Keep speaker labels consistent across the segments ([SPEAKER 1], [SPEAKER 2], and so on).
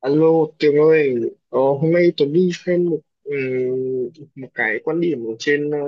[SPEAKER 1] Alo Tường ơi, hôm nay Tuấn đi xem một một cái quan điểm ở trên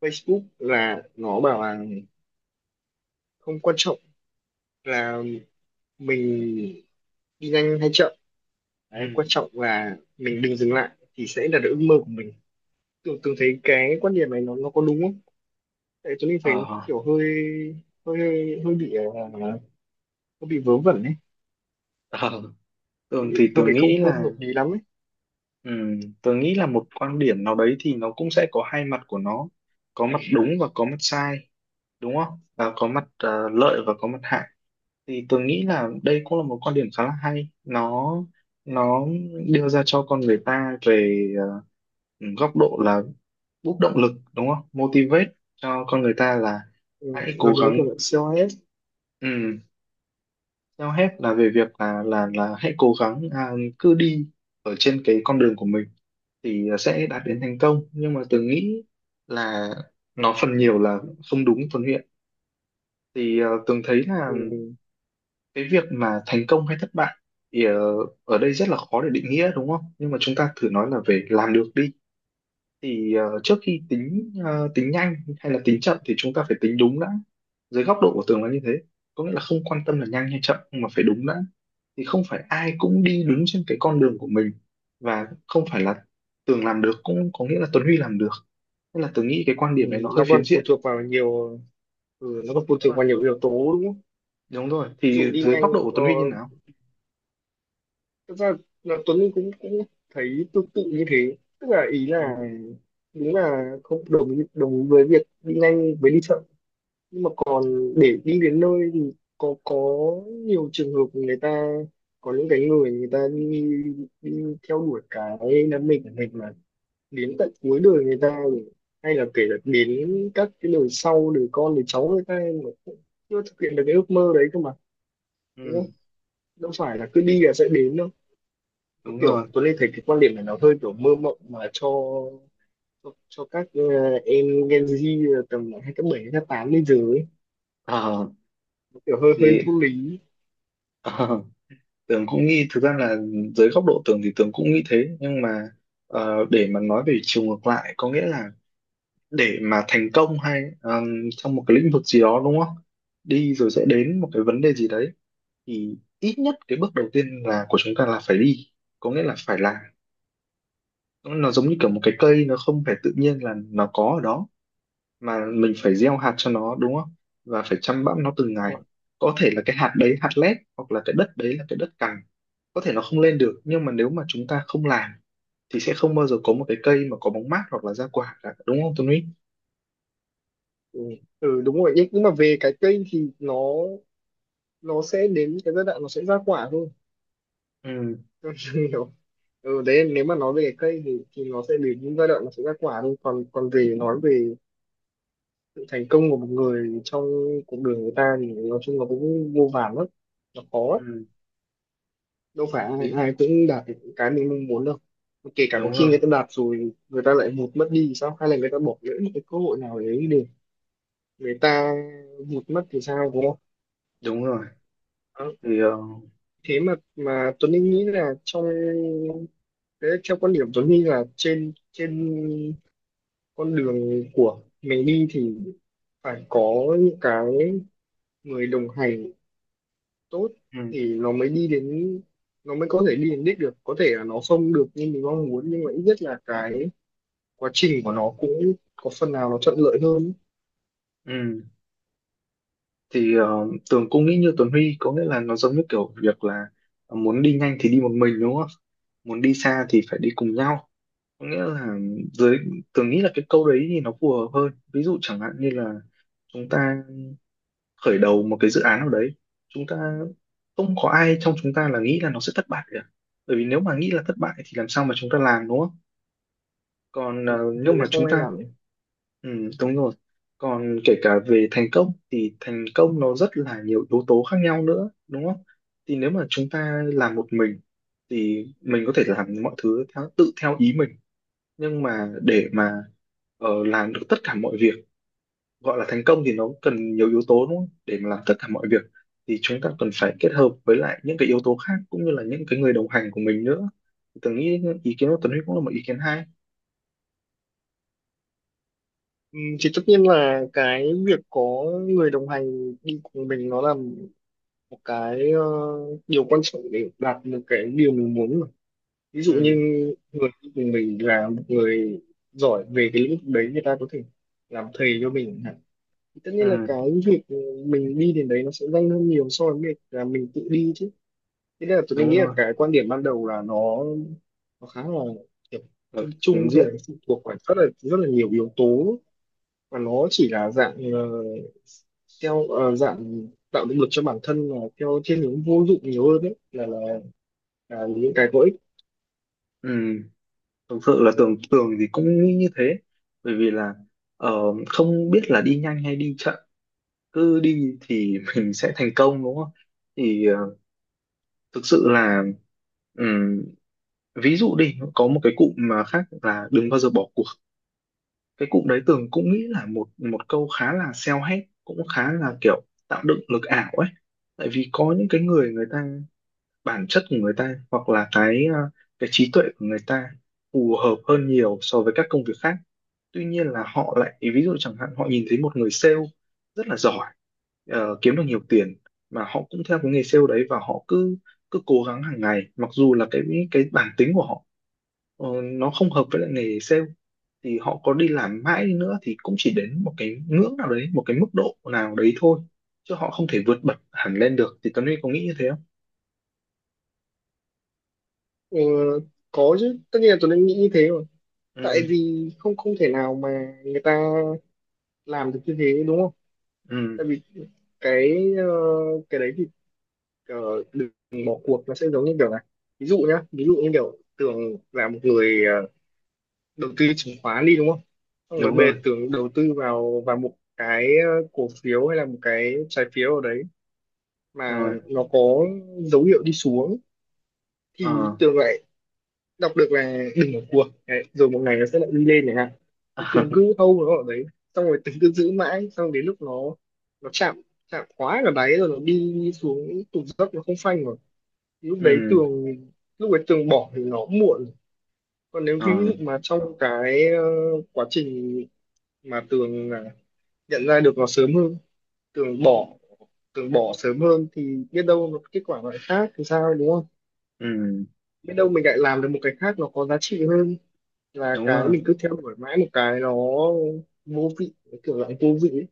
[SPEAKER 1] Facebook là nó bảo là không quan trọng là mình đi nhanh hay chậm, đấy,
[SPEAKER 2] Ừ.
[SPEAKER 1] quan trọng là mình đừng dừng lại thì sẽ đạt được ước mơ của mình. Tường Tường thấy cái quan điểm này nó có đúng không? Tại Tuấn đi thấy nó
[SPEAKER 2] Ờ,
[SPEAKER 1] kiểu hơi, hơi bị vớ vẩn ấy,
[SPEAKER 2] ờ.
[SPEAKER 1] hơi
[SPEAKER 2] Tường thì
[SPEAKER 1] bị hơi
[SPEAKER 2] tường
[SPEAKER 1] bị không
[SPEAKER 2] nghĩ
[SPEAKER 1] không
[SPEAKER 2] là
[SPEAKER 1] hợp lý lắm ấy,
[SPEAKER 2] ừ, tường nghĩ là một quan điểm nào đấy thì nó cũng sẽ có hai mặt của nó, có mặt đúng và có mặt sai, đúng không, và có mặt lợi và có mặt hại. Thì tường nghĩ là đây cũng là một quan điểm khá là hay. Nó đưa ra cho con người ta về góc độ là bút động lực, đúng không, motivate cho con người ta là
[SPEAKER 1] ừ,
[SPEAKER 2] hãy
[SPEAKER 1] nó
[SPEAKER 2] cố
[SPEAKER 1] giống
[SPEAKER 2] gắng.
[SPEAKER 1] kiểu là COS.
[SPEAKER 2] ừ, Theo hết là về việc là hãy cố gắng à, cứ đi ở trên cái con đường của mình thì sẽ đạt đến thành công. Nhưng mà Tường nghĩ là nó phần nhiều là không đúng, Tuấn Huyện. Thì Tường thấy là
[SPEAKER 1] Ừ.
[SPEAKER 2] cái việc mà thành công hay thất bại thì ở đây rất là khó để định nghĩa, đúng không, nhưng mà chúng ta thử nói là về làm được đi. Thì trước khi tính tính nhanh hay là tính chậm thì chúng ta phải tính đúng đã. Dưới góc độ của Tường là như thế, có nghĩa là không quan tâm là nhanh hay chậm nhưng mà phải đúng đã. Thì không phải ai cũng đi đúng trên cái con đường của mình, và không phải là Tường làm được cũng có nghĩa là Tuấn Huy làm được. Nên là Tường nghĩ cái quan
[SPEAKER 1] Ừ,
[SPEAKER 2] điểm này nó hơi
[SPEAKER 1] nó
[SPEAKER 2] phiến
[SPEAKER 1] còn phụ
[SPEAKER 2] diện,
[SPEAKER 1] thuộc vào nhiều ừ, nó còn phụ
[SPEAKER 2] đúng
[SPEAKER 1] thuộc
[SPEAKER 2] không?
[SPEAKER 1] vào nhiều yếu tố đúng không?
[SPEAKER 2] Đúng rồi,
[SPEAKER 1] Ví dụ
[SPEAKER 2] thì
[SPEAKER 1] đi
[SPEAKER 2] dưới
[SPEAKER 1] nhanh,
[SPEAKER 2] góc độ của
[SPEAKER 1] ờ,
[SPEAKER 2] Tuấn Huy như nào?
[SPEAKER 1] thật ra là Tuấn Linh cũng cũng thấy tương tự như thế, tức là ý
[SPEAKER 2] Ừ.
[SPEAKER 1] là đúng là không đồng ý- đồng ý với việc đi nhanh với đi chậm, nhưng mà còn để đi đến nơi thì có nhiều trường hợp người ta có những cái người người ta đi, đi theo đuổi cái đam mê của mình mà đến tận cuối đời người ta, hay là kể cả đến các cái đời sau, đời con đời cháu người ta mà cũng chưa thực hiện được cái ước mơ đấy cơ mà.
[SPEAKER 2] Ừ,
[SPEAKER 1] Đâu phải là cứ đi là sẽ đến đâu. Nó
[SPEAKER 2] đúng
[SPEAKER 1] kiểu
[SPEAKER 2] rồi.
[SPEAKER 1] tôi lên thấy cái quan điểm này nó hơi kiểu mơ mộng mà cho cho các em Gen Z tầm hai cấp bảy cấp tám lên dưới ấy.
[SPEAKER 2] Ờ,
[SPEAKER 1] Nó kiểu hơi hơi
[SPEAKER 2] thì
[SPEAKER 1] vô lý.
[SPEAKER 2] Tường cũng nghĩ thực ra là dưới góc độ Tường thì Tường cũng nghĩ thế. Nhưng mà để mà nói về chiều ngược lại, có nghĩa là để mà thành công hay trong một cái lĩnh vực gì đó, đúng không, đi rồi sẽ đến một cái vấn đề gì đấy, thì ít nhất cái bước đầu tiên là của chúng ta là phải đi, có nghĩa là phải làm. Nó giống như kiểu một cái cây, nó không phải tự nhiên là nó có ở đó mà mình phải gieo hạt cho nó, đúng không, và phải chăm bẵm nó từng ngày. Có thể là cái hạt đấy hạt lép hoặc là cái đất đấy là cái đất cằn, có thể nó không lên được. Nhưng mà nếu mà chúng ta không làm thì sẽ không bao giờ có một cái cây mà có bóng mát hoặc là ra quả cả, đúng không Tuấn Huy?
[SPEAKER 1] Ừ. Ừ đúng rồi, nhưng mà về cái cây thì nó sẽ đến cái giai đoạn nó sẽ ra quả thôi.
[SPEAKER 2] Ừ.
[SPEAKER 1] Tôi hiểu. Ừ đấy, nếu mà nói về cái cây thì nó sẽ đến những giai đoạn nó sẽ ra quả thôi, còn còn về nói về sự thành công của một người trong cuộc đời người ta thì nói chung là cũng vô vàn lắm, nó khó lắm.
[SPEAKER 2] Ừ.
[SPEAKER 1] Đâu phải
[SPEAKER 2] Ý,
[SPEAKER 1] ai cũng đạt được cái mình mong muốn đâu. Kể cả có
[SPEAKER 2] đúng
[SPEAKER 1] khi
[SPEAKER 2] rồi.
[SPEAKER 1] người ta đạt rồi người ta lại vụt mất đi thì sao, hay là người ta bỏ lỡ một cái cơ hội nào đấy để người ta vụt mất thì sao, đúng không?
[SPEAKER 2] Đúng rồi.
[SPEAKER 1] Đó.
[SPEAKER 2] Thì
[SPEAKER 1] Thế mà Tuấn Anh nghĩ là trong thế theo quan điểm Tuấn Anh là trên trên con đường của mình đi thì phải có những cái người đồng hành tốt
[SPEAKER 2] ừ,
[SPEAKER 1] thì nó mới đi đến, nó mới có thể đi đến đích được, có thể là nó không được như mình mong muốn nhưng mà ít nhất là cái quá trình của nó cũng có phần nào nó thuận lợi hơn
[SPEAKER 2] ừ. thì Tường cũng nghĩ như Tuấn Huy, có nghĩa là nó giống như kiểu việc là muốn đi nhanh thì đi một mình, đúng không, muốn đi xa thì phải đi cùng nhau. Có nghĩa là dưới Tường nghĩ là cái câu đấy thì nó phù hợp hơn. Ví dụ chẳng hạn như là chúng ta khởi đầu một cái dự án nào đấy, chúng ta không có ai trong chúng ta là nghĩ là nó sẽ thất bại cả, bởi vì nếu mà nghĩ là thất bại thì làm sao mà chúng ta làm, đúng không? Còn
[SPEAKER 1] ấy.
[SPEAKER 2] nếu
[SPEAKER 1] Thì
[SPEAKER 2] mà
[SPEAKER 1] nó không
[SPEAKER 2] chúng
[SPEAKER 1] ai
[SPEAKER 2] ta
[SPEAKER 1] làm ấy.
[SPEAKER 2] ừ, đúng rồi. Còn kể cả về thành công thì thành công nó rất là nhiều yếu tố khác nhau nữa, đúng không? Thì nếu mà chúng ta làm một mình thì mình có thể làm mọi thứ theo, tự theo ý mình. Nhưng mà để mà làm được tất cả mọi việc gọi là thành công thì nó cần nhiều yếu tố, đúng không? Để mà làm tất cả mọi việc thì chúng ta cần phải kết hợp với lại những cái yếu tố khác, cũng như là những cái người đồng hành của mình nữa. Thì Tớ nghĩ ý kiến của Tuấn Huy cũng là một ý kiến hay.
[SPEAKER 1] Ừ, thì tất nhiên là cái việc có người đồng hành đi cùng mình nó là một cái điều quan trọng để đạt được cái điều mình muốn mà. Ví dụ như
[SPEAKER 2] Ừ,
[SPEAKER 1] người đi cùng mình là một người giỏi về cái lĩnh vực đấy, người ta có thể làm thầy cho mình chẳng hạn. Thì tất nhiên là
[SPEAKER 2] ừ,
[SPEAKER 1] cái việc mình đi đến đấy nó sẽ nhanh hơn nhiều so với việc là mình tự đi chứ. Thế nên là tôi
[SPEAKER 2] đúng
[SPEAKER 1] nghĩ là
[SPEAKER 2] rồi,
[SPEAKER 1] cái quan điểm ban đầu là nó khá là kiểu
[SPEAKER 2] ở
[SPEAKER 1] chung
[SPEAKER 2] phiến
[SPEAKER 1] chung thôi,
[SPEAKER 2] diện.
[SPEAKER 1] nó phụ thuộc vào rất là nhiều yếu tố, và nó chỉ là dạng theo dạng tạo động lực cho bản thân là theo thiên hướng vô dụng nhiều hơn đấy là những cái có ích.
[SPEAKER 2] Ừ, thực sự là tưởng tưởng thì cũng nghĩ như thế. Bởi vì là ờ, không biết là đi nhanh hay đi chậm, cứ đi thì mình sẽ thành công, đúng không? Thì thực sự là ừm, ví dụ đi có một cái cụm mà khác là đừng bao giờ bỏ cuộc. Cái cụm đấy Tường cũng nghĩ là một một câu khá là self-help, cũng khá là kiểu tạo dựng lực ảo ấy. Tại vì có những cái người người ta, bản chất của người ta hoặc là cái cái trí tuệ của người ta phù hợp hơn nhiều so với các công việc khác. Tuy nhiên là họ lại, ví dụ chẳng hạn, họ nhìn thấy một người sale rất là giỏi, ờ, kiếm được nhiều tiền, mà họ cũng theo cái nghề sale đấy và họ cứ cứ cố gắng hàng ngày. Mặc dù là cái bản tính của họ, nó không hợp với lại nghề sale, thì họ có đi làm mãi đi nữa thì cũng chỉ đến một cái ngưỡng nào đấy, một cái mức độ nào đấy thôi, chứ họ không thể vượt bật hẳn lên được. Thì Tuấn Huy có nghĩ như thế không?
[SPEAKER 1] Ờ, có chứ, tất nhiên là tôi đang nghĩ như thế rồi, tại
[SPEAKER 2] Ừ,
[SPEAKER 1] vì không không thể nào mà người ta làm được như thế đúng không.
[SPEAKER 2] ừ,
[SPEAKER 1] Tại vì cái cái đấy thì ờ, đừng bỏ cuộc nó sẽ giống như kiểu này. Ví dụ nhá, ví dụ như kiểu Tường là một người đầu tư chứng khoán đi đúng không, xong rồi
[SPEAKER 2] đúng
[SPEAKER 1] bề
[SPEAKER 2] rồi
[SPEAKER 1] Tường đầu tư vào vào một cái cổ phiếu hay là một cái trái phiếu ở đấy mà
[SPEAKER 2] rồi.
[SPEAKER 1] nó có dấu hiệu đi xuống, thì
[SPEAKER 2] ờ
[SPEAKER 1] Tường lại đọc được là đừng bỏ cuộc đấy, rồi một ngày nó sẽ lại đi lên chẳng hạn. Thì Tường cứ hold nó ở đấy, xong rồi Tường cứ giữ mãi, xong đến lúc nó chạm, chạm quá là đáy rồi nó đi xuống, tụt dốc nó không phanh mà, lúc đấy
[SPEAKER 2] ừ,
[SPEAKER 1] tường, lúc đấy tường bỏ thì nó muộn. Còn nếu
[SPEAKER 2] ờ,
[SPEAKER 1] ví dụ mà trong cái quá trình mà tường nhận ra được nó sớm hơn, tường bỏ, tường bỏ sớm hơn thì biết đâu nó kết quả nó lại khác thì sao đúng không.
[SPEAKER 2] ừ,
[SPEAKER 1] Biết đâu mình lại làm được một cái khác nó có giá trị hơn là
[SPEAKER 2] đúng
[SPEAKER 1] cái
[SPEAKER 2] rồi.
[SPEAKER 1] mình cứ theo đuổi mãi một cái nó vô vị, cái kiểu dạng vô vị ấy.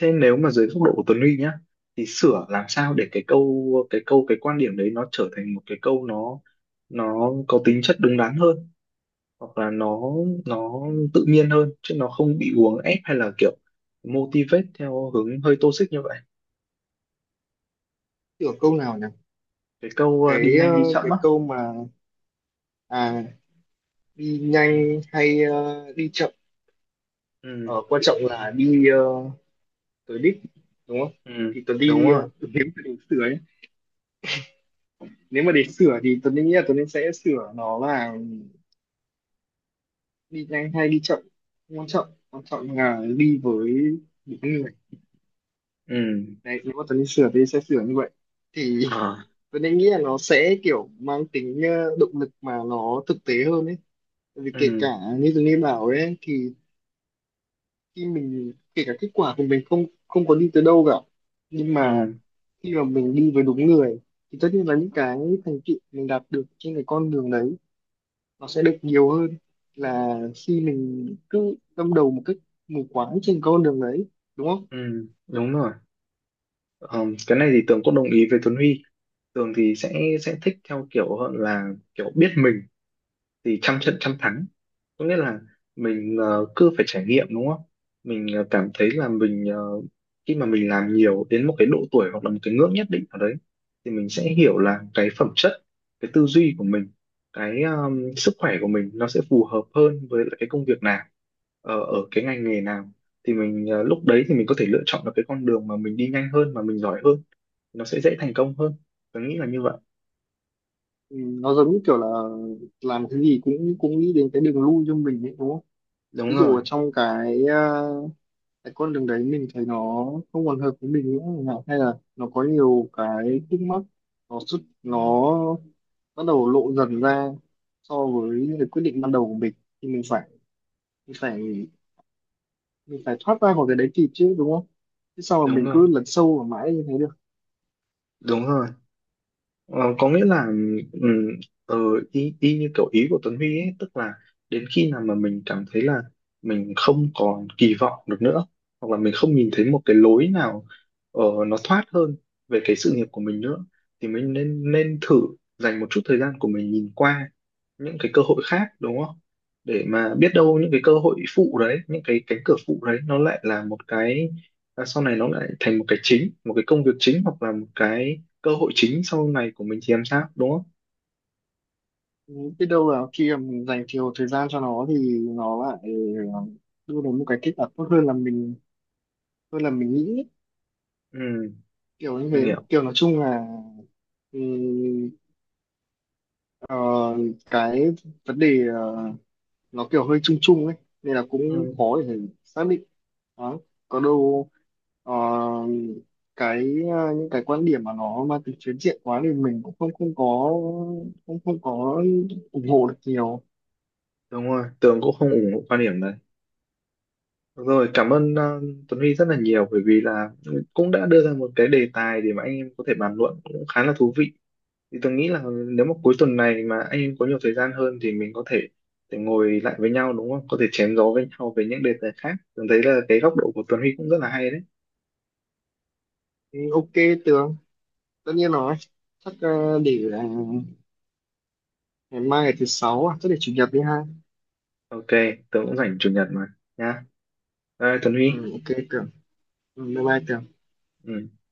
[SPEAKER 2] Thế nếu mà dưới góc độ của Tuấn Huy nhá, thì sửa làm sao để cái quan điểm đấy nó trở thành một cái câu nó có tính chất đúng đắn hơn, hoặc là nó tự nhiên hơn chứ nó không bị uốn ép hay là kiểu motivate theo hướng hơi toxic như vậy.
[SPEAKER 1] Kiểu câu nào nhỉ?
[SPEAKER 2] Cái câu đi
[SPEAKER 1] Cái
[SPEAKER 2] nhanh đi chậm
[SPEAKER 1] cái
[SPEAKER 2] á.
[SPEAKER 1] câu mà à đi
[SPEAKER 2] Ừ,
[SPEAKER 1] nhanh hay đi chậm
[SPEAKER 2] ừ,
[SPEAKER 1] ở quan trọng là đi Tớ đích đúng không.
[SPEAKER 2] ừ,
[SPEAKER 1] Thì tớ
[SPEAKER 2] đúng
[SPEAKER 1] đi
[SPEAKER 2] rồi.
[SPEAKER 1] nếu mà để sửa ấy, nếu mà để sửa thì tớ nghĩ là tớ nên sẽ sửa nó là đi nhanh hay đi chậm không quan trọng, quan trọng là đi với đúng người.
[SPEAKER 2] Ừ,
[SPEAKER 1] Đấy nếu mà tớ nên sửa thì sẽ sửa như vậy, thì
[SPEAKER 2] à,
[SPEAKER 1] tớ nên nghĩ là nó sẽ kiểu mang tính động lực mà nó thực tế hơn ấy. Tại vì kể cả
[SPEAKER 2] ừ,
[SPEAKER 1] như tớ nên bảo ấy, thì khi mình kể cả kết quả của mình không không có đi tới đâu cả, nhưng mà
[SPEAKER 2] ừ,
[SPEAKER 1] khi mà mình đi với đúng người thì tất nhiên là những cái thành tựu mình đạt được trên cái con đường đấy nó sẽ được nhiều hơn là khi mình cứ đâm đầu một cách mù quáng trên con đường đấy đúng không.
[SPEAKER 2] ừ, đúng rồi. Ờ, cái này thì Tường cũng đồng ý với Tuấn Huy. Tường thì sẽ thích theo kiểu hơn là kiểu biết mình thì trăm trận trăm thắng, có nghĩa là mình cứ phải trải nghiệm, đúng không? Mình cảm thấy là mình khi mà mình làm nhiều đến một cái độ tuổi hoặc là một cái ngưỡng nhất định ở đấy thì mình sẽ hiểu là cái phẩm chất, cái tư duy của mình, cái sức khỏe của mình, nó sẽ phù hợp hơn với lại cái công việc nào, ở cái ngành nghề nào. Thì mình, lúc đấy thì mình có thể lựa chọn được cái con đường mà mình đi nhanh hơn, mà mình giỏi hơn, nó sẽ dễ thành công hơn. Tôi nghĩ là như vậy.
[SPEAKER 1] Ừ, nó giống như kiểu là làm cái gì cũng cũng nghĩ đến cái đường lui cho mình ấy, đúng không. Ví
[SPEAKER 2] Đúng
[SPEAKER 1] dụ
[SPEAKER 2] rồi.
[SPEAKER 1] ở trong cái cái con đường đấy mình thấy nó không còn hợp với mình nữa chẳng hạn, hay là nó có nhiều cái khúc mắc nó xuất nó bắt đầu lộ dần ra so với những cái quyết định ban đầu của mình, thì mình phải mình phải thoát ra khỏi cái đấy kịp chứ đúng không, chứ sao mà
[SPEAKER 2] Đúng
[SPEAKER 1] mình
[SPEAKER 2] rồi.
[SPEAKER 1] cứ lấn sâu vào mãi như thế được.
[SPEAKER 2] Đúng rồi. Ờ, có nghĩa là ừm, ờ, y, y như kiểu ý của Tuấn Huy ấy, tức là đến khi nào mà mình cảm thấy là mình không còn kỳ vọng được nữa, hoặc là mình không nhìn thấy một cái lối nào nó thoát hơn về cái sự nghiệp của mình nữa, thì mình nên nên thử dành một chút thời gian của mình nhìn qua những cái cơ hội khác, đúng không? Để mà biết đâu những cái cơ hội phụ đấy, những cái cánh cửa phụ đấy, nó lại là một cái, là sau này nó lại thành một cái chính, một cái công việc chính, hoặc là một cái cơ hội chính sau này của mình thì làm sao, đúng không?
[SPEAKER 1] Ừ, biết đâu là khi mà mình dành nhiều thời gian cho nó thì nó lại ờ, đưa đến một cái kết quả tốt hơn là mình nghĩ,
[SPEAKER 2] Ừ.
[SPEAKER 1] kiểu như
[SPEAKER 2] Tường
[SPEAKER 1] thế,
[SPEAKER 2] hiểu.
[SPEAKER 1] kiểu nói chung là ừ, ờ, cái vấn đề nó kiểu hơi chung chung ấy, nên là cũng
[SPEAKER 2] Ừ,
[SPEAKER 1] khó để xác định. Đó. Có đâu ờ, cái những cái quan điểm mà nó mang tính phiến diện quá thì mình cũng không không có không không có ủng hộ được nhiều.
[SPEAKER 2] đúng rồi, Tường cũng không ủng hộ quan điểm đấy. Được rồi, cảm ơn Tuấn Huy rất là nhiều, bởi vì là cũng đã đưa ra một cái đề tài để mà anh em có thể bàn luận, cũng khá là thú vị. Thì Tường nghĩ là nếu mà cuối tuần này mà anh em có nhiều thời gian hơn thì mình có thể để ngồi lại với nhau, đúng không, có thể chém gió với nhau về những đề tài khác. Tường thấy là cái góc độ của Tuấn Huy cũng rất là hay đấy.
[SPEAKER 1] Ừ, Ok Tường, tất nhiên rồi. Chắc để ngày mai ngày thứ sáu à, chắc để chủ nhật đi ha.
[SPEAKER 2] Ok, Tường cũng rảnh chủ nhật mà. Nha, bye Tuấn Huy.
[SPEAKER 1] Ừ, ok Tường. Ừ, bye bye Tường.
[SPEAKER 2] Ừ.